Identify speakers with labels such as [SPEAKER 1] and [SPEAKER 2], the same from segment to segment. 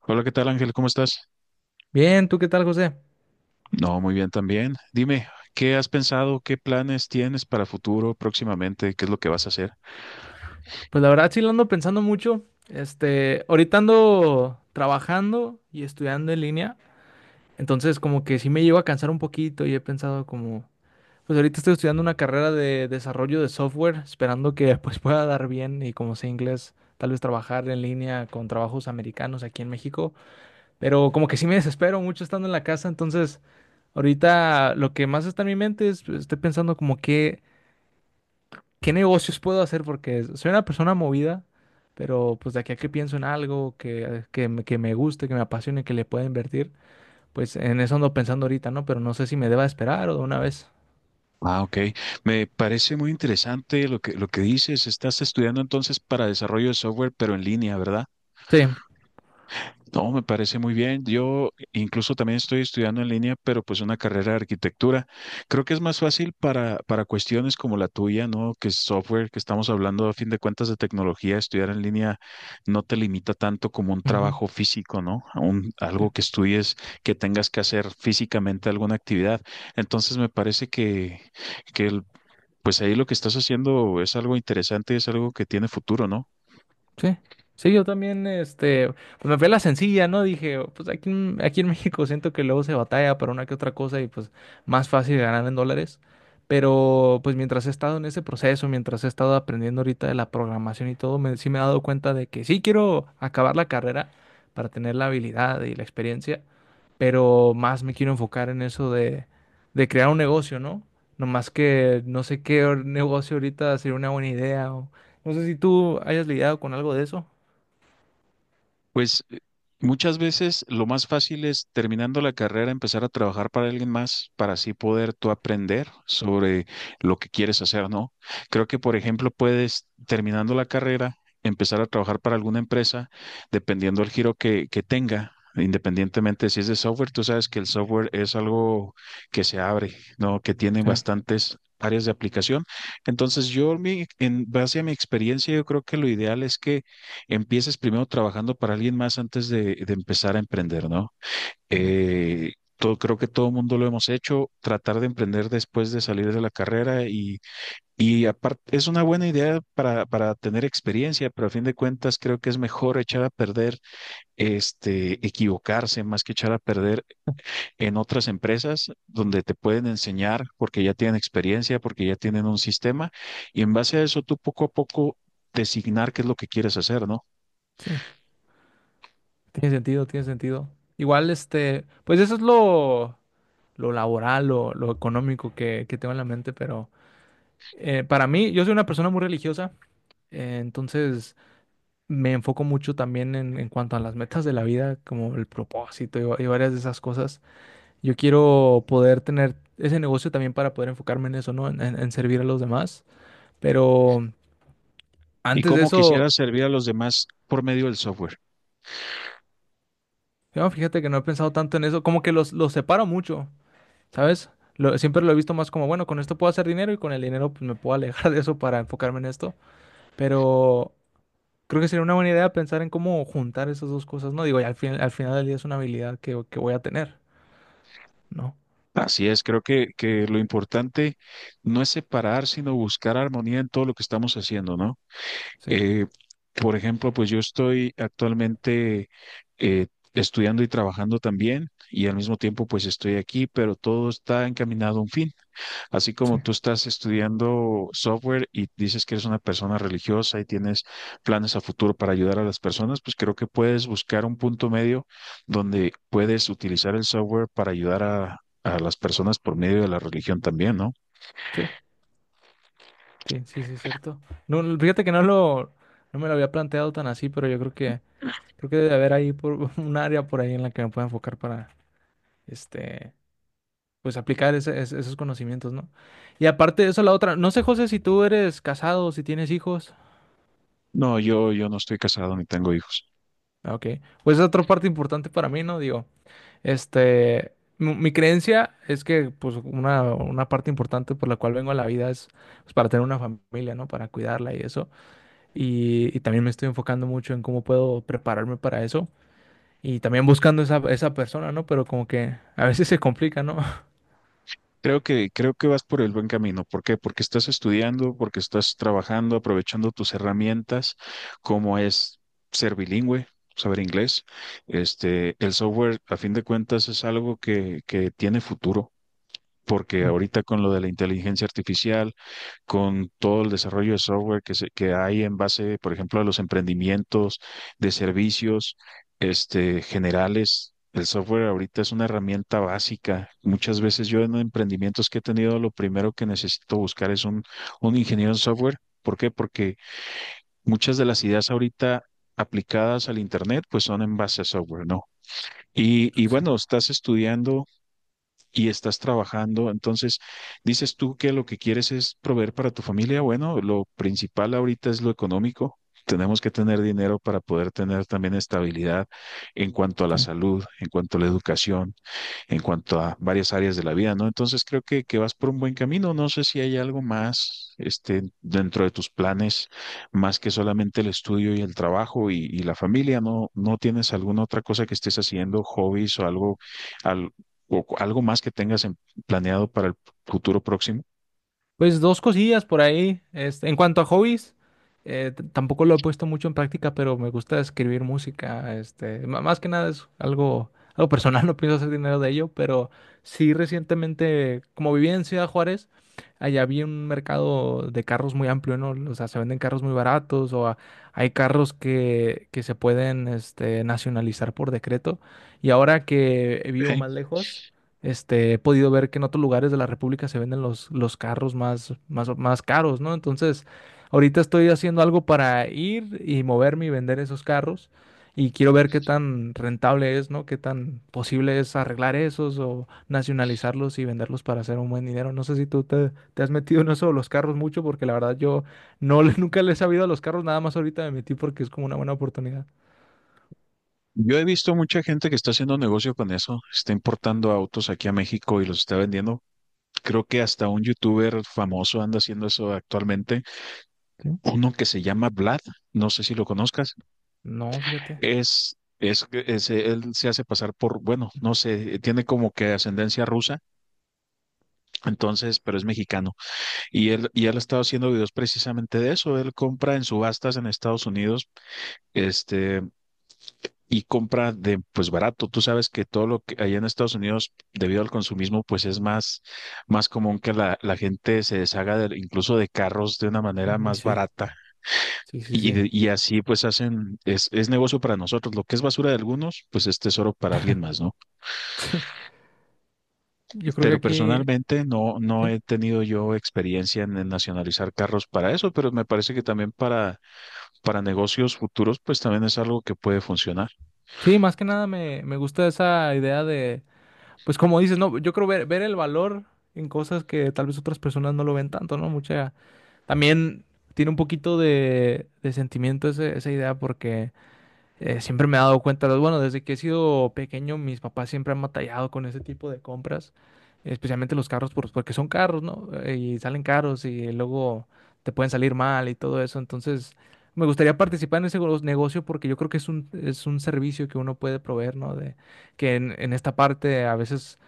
[SPEAKER 1] Hola, ¿qué tal, Ángel? ¿Cómo estás?
[SPEAKER 2] Bien, ¿tú qué tal, José?
[SPEAKER 1] No, muy bien también. Dime, ¿qué has pensado? ¿Qué planes tienes para futuro próximamente? ¿Qué es lo que vas a hacer?
[SPEAKER 2] Pues la verdad sí lo ando pensando mucho. Ahorita ando trabajando y estudiando en línea, entonces como que sí me llevo a cansar un poquito y he pensado pues ahorita estoy estudiando una carrera de desarrollo de software, esperando que pues pueda dar bien y como sé inglés, tal vez trabajar en línea con trabajos americanos aquí en México, pero como que sí me desespero mucho estando en la casa, entonces ahorita lo que más está en mi mente es, pues, estoy pensando como que... ¿qué negocios puedo hacer? Porque soy una persona movida, pero pues de aquí a que pienso en algo que me guste, que me apasione, que le pueda invertir, pues en eso ando pensando ahorita, ¿no? Pero no sé si me deba esperar o de una vez.
[SPEAKER 1] Ah, ok. Me parece muy interesante lo que dices. Estás estudiando entonces para desarrollo de software, pero en línea, ¿verdad?
[SPEAKER 2] Sí,
[SPEAKER 1] No, me parece muy bien. Yo incluso también estoy estudiando en línea, pero pues una carrera de arquitectura. Creo que es más fácil para cuestiones como la tuya, ¿no? Que es software, que estamos hablando a fin de cuentas de tecnología, estudiar en línea no te limita tanto como un
[SPEAKER 2] ujú.
[SPEAKER 1] trabajo físico, ¿no? Algo que estudies, que tengas que hacer físicamente alguna actividad. Entonces me parece que pues ahí lo que estás haciendo es algo interesante, es algo que tiene futuro, ¿no?
[SPEAKER 2] Sí, sí, yo también, pues me fui a la sencilla, ¿no? Dije, pues aquí en México siento que luego se batalla para una que otra cosa y pues más fácil ganar en dólares. Pero pues mientras he estado en ese proceso, mientras he estado aprendiendo ahorita de la programación y todo, sí me he dado cuenta de que sí quiero acabar la carrera para tener la habilidad y la experiencia, pero más me quiero enfocar en eso de crear un negocio, ¿no? Nomás que no sé negocio ahorita sería una buena idea. No sé si tú hayas lidiado con algo de eso.
[SPEAKER 1] Pues muchas veces lo más fácil es terminando la carrera empezar a trabajar para alguien más para así poder tú aprender sobre lo que quieres hacer, ¿no? Creo que, por ejemplo, puedes terminando la carrera empezar a trabajar para alguna empresa dependiendo del giro que tenga. Independientemente si es de software, tú sabes que el software es algo que se abre, ¿no? Que tiene
[SPEAKER 2] Sí,
[SPEAKER 1] bastantes áreas de aplicación. Entonces, en base a mi experiencia, yo creo que lo ideal es que empieces primero trabajando para alguien más antes de empezar a emprender, ¿no?
[SPEAKER 2] sí.
[SPEAKER 1] Creo que todo el mundo lo hemos hecho, tratar de emprender después de salir de la carrera y aparte es una buena idea para tener experiencia, pero a fin de cuentas creo que es mejor echar a perder, equivocarse más que echar a perder en otras empresas donde te pueden enseñar porque ya tienen experiencia, porque ya tienen un sistema y en base a eso tú poco a poco designar qué es lo que quieres hacer, ¿no?
[SPEAKER 2] Sí, tiene sentido, tiene sentido. Igual, pues eso es lo laboral, lo económico que tengo en la mente, pero para mí, yo soy una persona muy religiosa, entonces me enfoco mucho también en cuanto a las metas de la vida, como el propósito y varias de esas cosas. Yo quiero poder tener ese negocio también para poder enfocarme en eso, ¿no? En servir a los demás. Pero
[SPEAKER 1] ¿Y
[SPEAKER 2] antes de
[SPEAKER 1] cómo
[SPEAKER 2] eso,
[SPEAKER 1] quisieras servir a los demás por medio del software?
[SPEAKER 2] yo, fíjate que no he pensado tanto en eso, como que los separo mucho, ¿sabes? Siempre lo he visto más como, bueno, con esto puedo hacer dinero y con el dinero pues, me puedo alejar de eso para enfocarme en esto. Pero creo que sería una buena idea pensar en cómo juntar esas dos cosas, ¿no? Digo, y al final del día es una habilidad que voy a tener, ¿no?
[SPEAKER 1] Así es, creo que lo importante no es separar, sino buscar armonía en todo lo que estamos haciendo, ¿no?
[SPEAKER 2] Sí,
[SPEAKER 1] Eh, por ejemplo, pues yo estoy actualmente, eh, estudiando y trabajando también y al mismo tiempo pues estoy aquí, pero todo está encaminado a un fin. Así como
[SPEAKER 2] sí.
[SPEAKER 1] tú estás estudiando software y dices que eres una persona religiosa y tienes planes a futuro para ayudar a las personas, pues creo que puedes buscar un punto medio donde puedes utilizar el software para ayudar a las personas por medio de la religión también, ¿no?
[SPEAKER 2] Sí. Sí, sí, sí, es cierto. No, no, fíjate que no me lo había planteado tan así, pero yo creo que debe haber ahí por, un área por ahí en la que me pueda enfocar para, este, pues aplicar esos conocimientos, ¿no? Y aparte de eso, la otra, no sé, José, si tú eres casado, si tienes hijos.
[SPEAKER 1] No, yo no estoy casado ni tengo hijos.
[SPEAKER 2] Ah, ok, pues es otra parte importante para mí, ¿no? Digo, mi creencia es que, pues, una parte importante por la cual vengo a la vida es, pues, para tener una familia, ¿no? Para cuidarla y eso. Y y, también me estoy enfocando mucho en cómo puedo prepararme para eso y también buscando esa persona, ¿no? Pero como que a veces se complica, ¿no?
[SPEAKER 1] Creo que vas por el buen camino. ¿Por qué? Porque estás estudiando, porque estás trabajando, aprovechando tus herramientas, como es ser bilingüe, saber inglés. Este, el software, a fin de cuentas, es algo que tiene futuro, porque
[SPEAKER 2] Mm.
[SPEAKER 1] ahorita con lo de la inteligencia artificial, con todo el desarrollo de software que hay en base, por ejemplo, a los emprendimientos de servicios, este, generales. El software ahorita es una herramienta básica. Muchas veces yo en emprendimientos que he tenido, lo primero que necesito buscar es un ingeniero en software. ¿Por qué? Porque muchas de las ideas ahorita aplicadas al Internet, pues son en base a software, ¿no? Y
[SPEAKER 2] Sí,
[SPEAKER 1] bueno, estás estudiando y estás trabajando. Entonces, dices tú que lo que quieres es proveer para tu familia. Bueno, lo principal ahorita es lo económico. Tenemos que tener dinero para poder tener también estabilidad en cuanto a la
[SPEAKER 2] sí.
[SPEAKER 1] salud, en cuanto a la educación, en cuanto a varias áreas de la vida, ¿no? Entonces creo que vas por un buen camino. No sé si hay algo más, este, dentro de tus planes, más que solamente el estudio y el trabajo y la familia, ¿no? ¿No tienes alguna otra cosa que estés haciendo, hobbies o algo, al- algo más que tengas planeado para el futuro próximo?
[SPEAKER 2] Pues dos cosillas por ahí. Este, en cuanto a hobbies, tampoco lo he puesto mucho en práctica, pero me gusta escribir música. Más que nada es algo, algo personal, no pienso hacer dinero de ello, pero sí recientemente, como vivía en Ciudad Juárez, allá había un mercado de carros muy amplio, ¿no? O sea, se venden carros muy baratos hay carros que se pueden, nacionalizar por decreto. Y ahora que vivo más
[SPEAKER 1] Ok.
[SPEAKER 2] lejos. Este, he podido ver que en otros lugares de la República se venden los carros más caros, ¿no? Entonces, ahorita estoy haciendo algo para ir y moverme y vender esos carros. Y quiero ver qué tan rentable es, ¿no? Qué tan posible es arreglar esos o nacionalizarlos y venderlos para hacer un buen dinero. No sé si tú te has metido en eso de los carros mucho, porque la verdad yo nunca le he sabido a los carros, nada más ahorita me metí porque es como una buena oportunidad.
[SPEAKER 1] Yo he visto mucha gente que está haciendo negocio con eso, está importando autos aquí a México y los está vendiendo. Creo que hasta un youtuber famoso anda haciendo eso actualmente,
[SPEAKER 2] ¿Sí?
[SPEAKER 1] uno que se llama Vlad, no sé si lo conozcas,
[SPEAKER 2] No, fíjate.
[SPEAKER 1] él se hace pasar por, bueno, no sé, tiene como que ascendencia rusa, entonces, pero es mexicano. Y él ha estado haciendo videos precisamente de eso, él compra en subastas en Estados Unidos, este, y compra de pues barato. Tú sabes que todo lo que allá en Estados Unidos, debido al consumismo, pues es más, más común que la gente se deshaga de, incluso de carros de una manera
[SPEAKER 2] Uy,
[SPEAKER 1] más
[SPEAKER 2] sí.
[SPEAKER 1] barata.
[SPEAKER 2] Sí, sí, sí.
[SPEAKER 1] Y así pues hacen, es negocio para nosotros. Lo que es basura de algunos, pues es tesoro para alguien más, ¿no?
[SPEAKER 2] Yo creo que
[SPEAKER 1] Pero
[SPEAKER 2] aquí.
[SPEAKER 1] personalmente no, no
[SPEAKER 2] ¿Sí?
[SPEAKER 1] he tenido yo experiencia en nacionalizar carros para eso, pero me parece que también para negocios futuros, pues también es algo que puede funcionar.
[SPEAKER 2] Sí, más que nada me gusta esa idea de, pues como dices, no, yo creo ver el valor en cosas que tal vez otras personas no lo ven tanto, ¿no? Mucha, también tiene un poquito de sentimiento esa idea porque siempre me he dado cuenta, bueno, desde que he sido pequeño, mis papás siempre han batallado con ese tipo de compras, especialmente los carros, porque son carros, ¿no? Y salen caros y luego te pueden salir mal y todo eso. Entonces, me gustaría participar en ese negocio porque yo creo que es un servicio que uno puede proveer, ¿no? De, que en esta parte a veces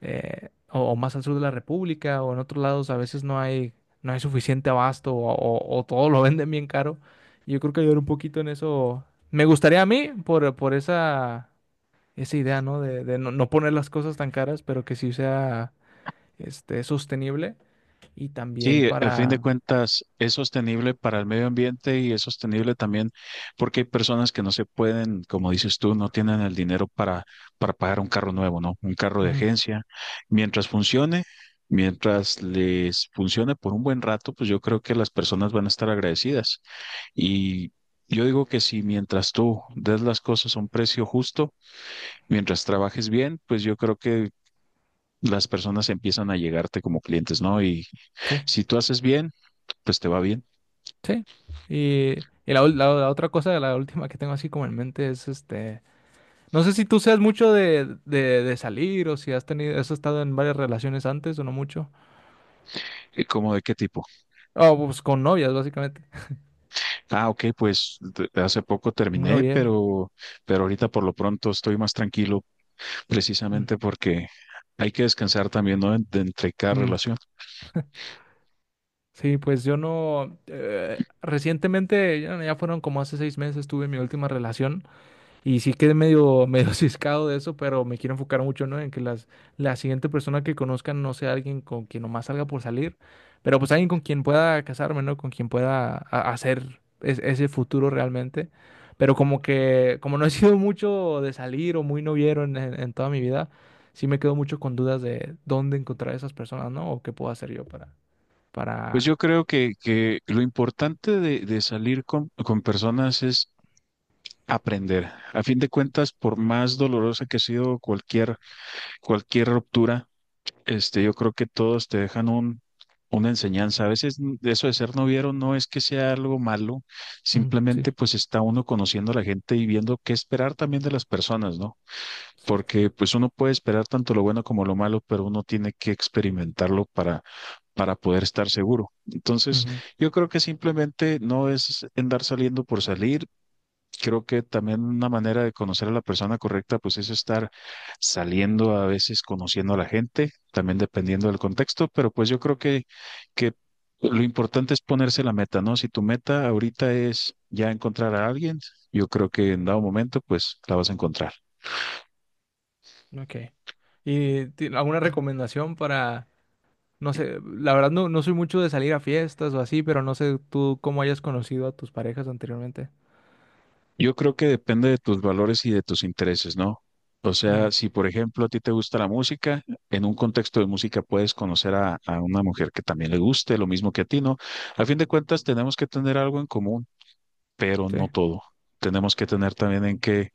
[SPEAKER 2] o más al sur de la República o en otros lados a veces no hay suficiente abasto o todo lo venden bien caro. Yo creo que ayudar un poquito en eso me gustaría a mí por esa idea, ¿no? De no, no poner las cosas tan caras, pero que sí sea sostenible y también
[SPEAKER 1] Sí, a fin de
[SPEAKER 2] para...
[SPEAKER 1] cuentas es sostenible para el medio ambiente y es sostenible también porque hay personas que no se pueden, como dices tú, no tienen el dinero para pagar un carro nuevo, ¿no? Un carro de
[SPEAKER 2] Ujú.
[SPEAKER 1] agencia. Mientras funcione, mientras les funcione por un buen rato, pues yo creo que las personas van a estar agradecidas. Y yo digo que si mientras tú des las cosas a un precio justo, mientras trabajes bien, pues yo creo que las personas empiezan a llegarte como clientes, ¿no? Y
[SPEAKER 2] Sí,
[SPEAKER 1] si tú haces bien, pues te va bien.
[SPEAKER 2] sí. La otra cosa, la última que tengo así como en mente es este... No sé si tú seas mucho de salir o si has tenido, has estado en varias relaciones antes o no mucho.
[SPEAKER 1] ¿Y cómo, de qué tipo?
[SPEAKER 2] Oh, pues con novias, básicamente.
[SPEAKER 1] Ah, ok, pues de hace poco
[SPEAKER 2] Un
[SPEAKER 1] terminé,
[SPEAKER 2] noviero.
[SPEAKER 1] pero ahorita por lo pronto estoy más tranquilo,
[SPEAKER 2] Mm,
[SPEAKER 1] precisamente porque hay que descansar también, ¿no? De entre cada
[SPEAKER 2] mm.
[SPEAKER 1] relación.
[SPEAKER 2] Sí, pues yo no. Recientemente, ya fueron como hace 6 meses, tuve mi última relación. Y sí quedé medio ciscado de eso, pero me quiero enfocar mucho, ¿no? En que la siguiente persona que conozcan no sea alguien con quien nomás salga por salir, pero pues alguien con quien pueda casarme, ¿no? Con quien pueda hacer ese futuro realmente. Pero como que, como no he sido mucho de salir o muy noviero en toda mi vida, sí me quedo mucho con dudas de dónde encontrar a esas personas, ¿no? O qué puedo hacer yo
[SPEAKER 1] Pues yo
[SPEAKER 2] para...
[SPEAKER 1] creo que lo importante de salir con personas es aprender. A fin de cuentas, por más dolorosa que ha sido cualquier ruptura, este, yo creo que todos te dejan una enseñanza. A veces eso de ser noviero no es que sea algo malo,
[SPEAKER 2] Ujú, sí,
[SPEAKER 1] simplemente pues está uno conociendo a la gente y viendo qué esperar también de las personas, ¿no?
[SPEAKER 2] es cierto.
[SPEAKER 1] Porque pues uno puede esperar tanto lo bueno como lo malo, pero uno tiene que experimentarlo para poder estar seguro. Entonces, yo creo que simplemente no es andar saliendo por salir. Creo que también una manera de conocer a la persona correcta, pues es estar saliendo a veces, conociendo a la gente, también dependiendo del contexto, pero pues yo creo que lo importante es ponerse la meta, ¿no? Si tu meta ahorita es ya encontrar a alguien, yo creo que en dado momento, pues la vas a encontrar.
[SPEAKER 2] Ujú, ok. ¿Y alguna recomendación para... No sé, la verdad no, no soy mucho de salir a fiestas o así, pero no sé tú cómo hayas conocido a tus parejas anteriormente.
[SPEAKER 1] Yo creo que depende de tus valores y de tus intereses, ¿no? O
[SPEAKER 2] Mm,
[SPEAKER 1] sea, si por ejemplo a ti te gusta la música, en un contexto de música puedes conocer a una mujer que también le guste, lo mismo que a ti, ¿no? A fin de cuentas, tenemos que tener algo en común, pero
[SPEAKER 2] sí.
[SPEAKER 1] no todo. Tenemos que tener también en qué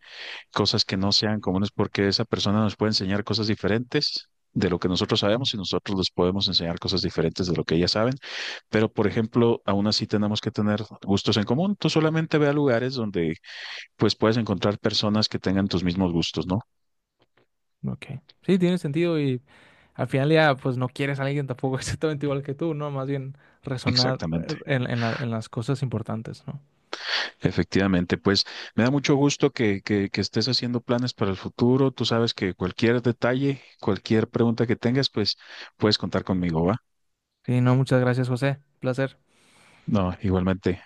[SPEAKER 1] cosas que no sean comunes, porque esa persona nos puede enseñar cosas diferentes de lo que nosotros
[SPEAKER 2] Mm,
[SPEAKER 1] sabemos y nosotros les podemos enseñar cosas diferentes de lo que ellas saben. Pero, por ejemplo, aún así tenemos que tener gustos en común. Tú solamente ve a lugares donde pues puedes encontrar personas que tengan tus mismos gustos, ¿no?
[SPEAKER 2] ok. Sí, tiene sentido y al final ya pues no quieres a alguien tampoco exactamente igual que tú, ¿no? Más bien resonar
[SPEAKER 1] Exactamente,
[SPEAKER 2] en en las cosas importantes, ¿no?
[SPEAKER 1] efectivamente. Pues me da mucho gusto que estés haciendo planes para el futuro. Tú sabes que cualquier detalle, cualquier pregunta que tengas, pues puedes contar conmigo, ¿va?
[SPEAKER 2] Sí, no, muchas gracias, José. Placer.
[SPEAKER 1] No, igualmente.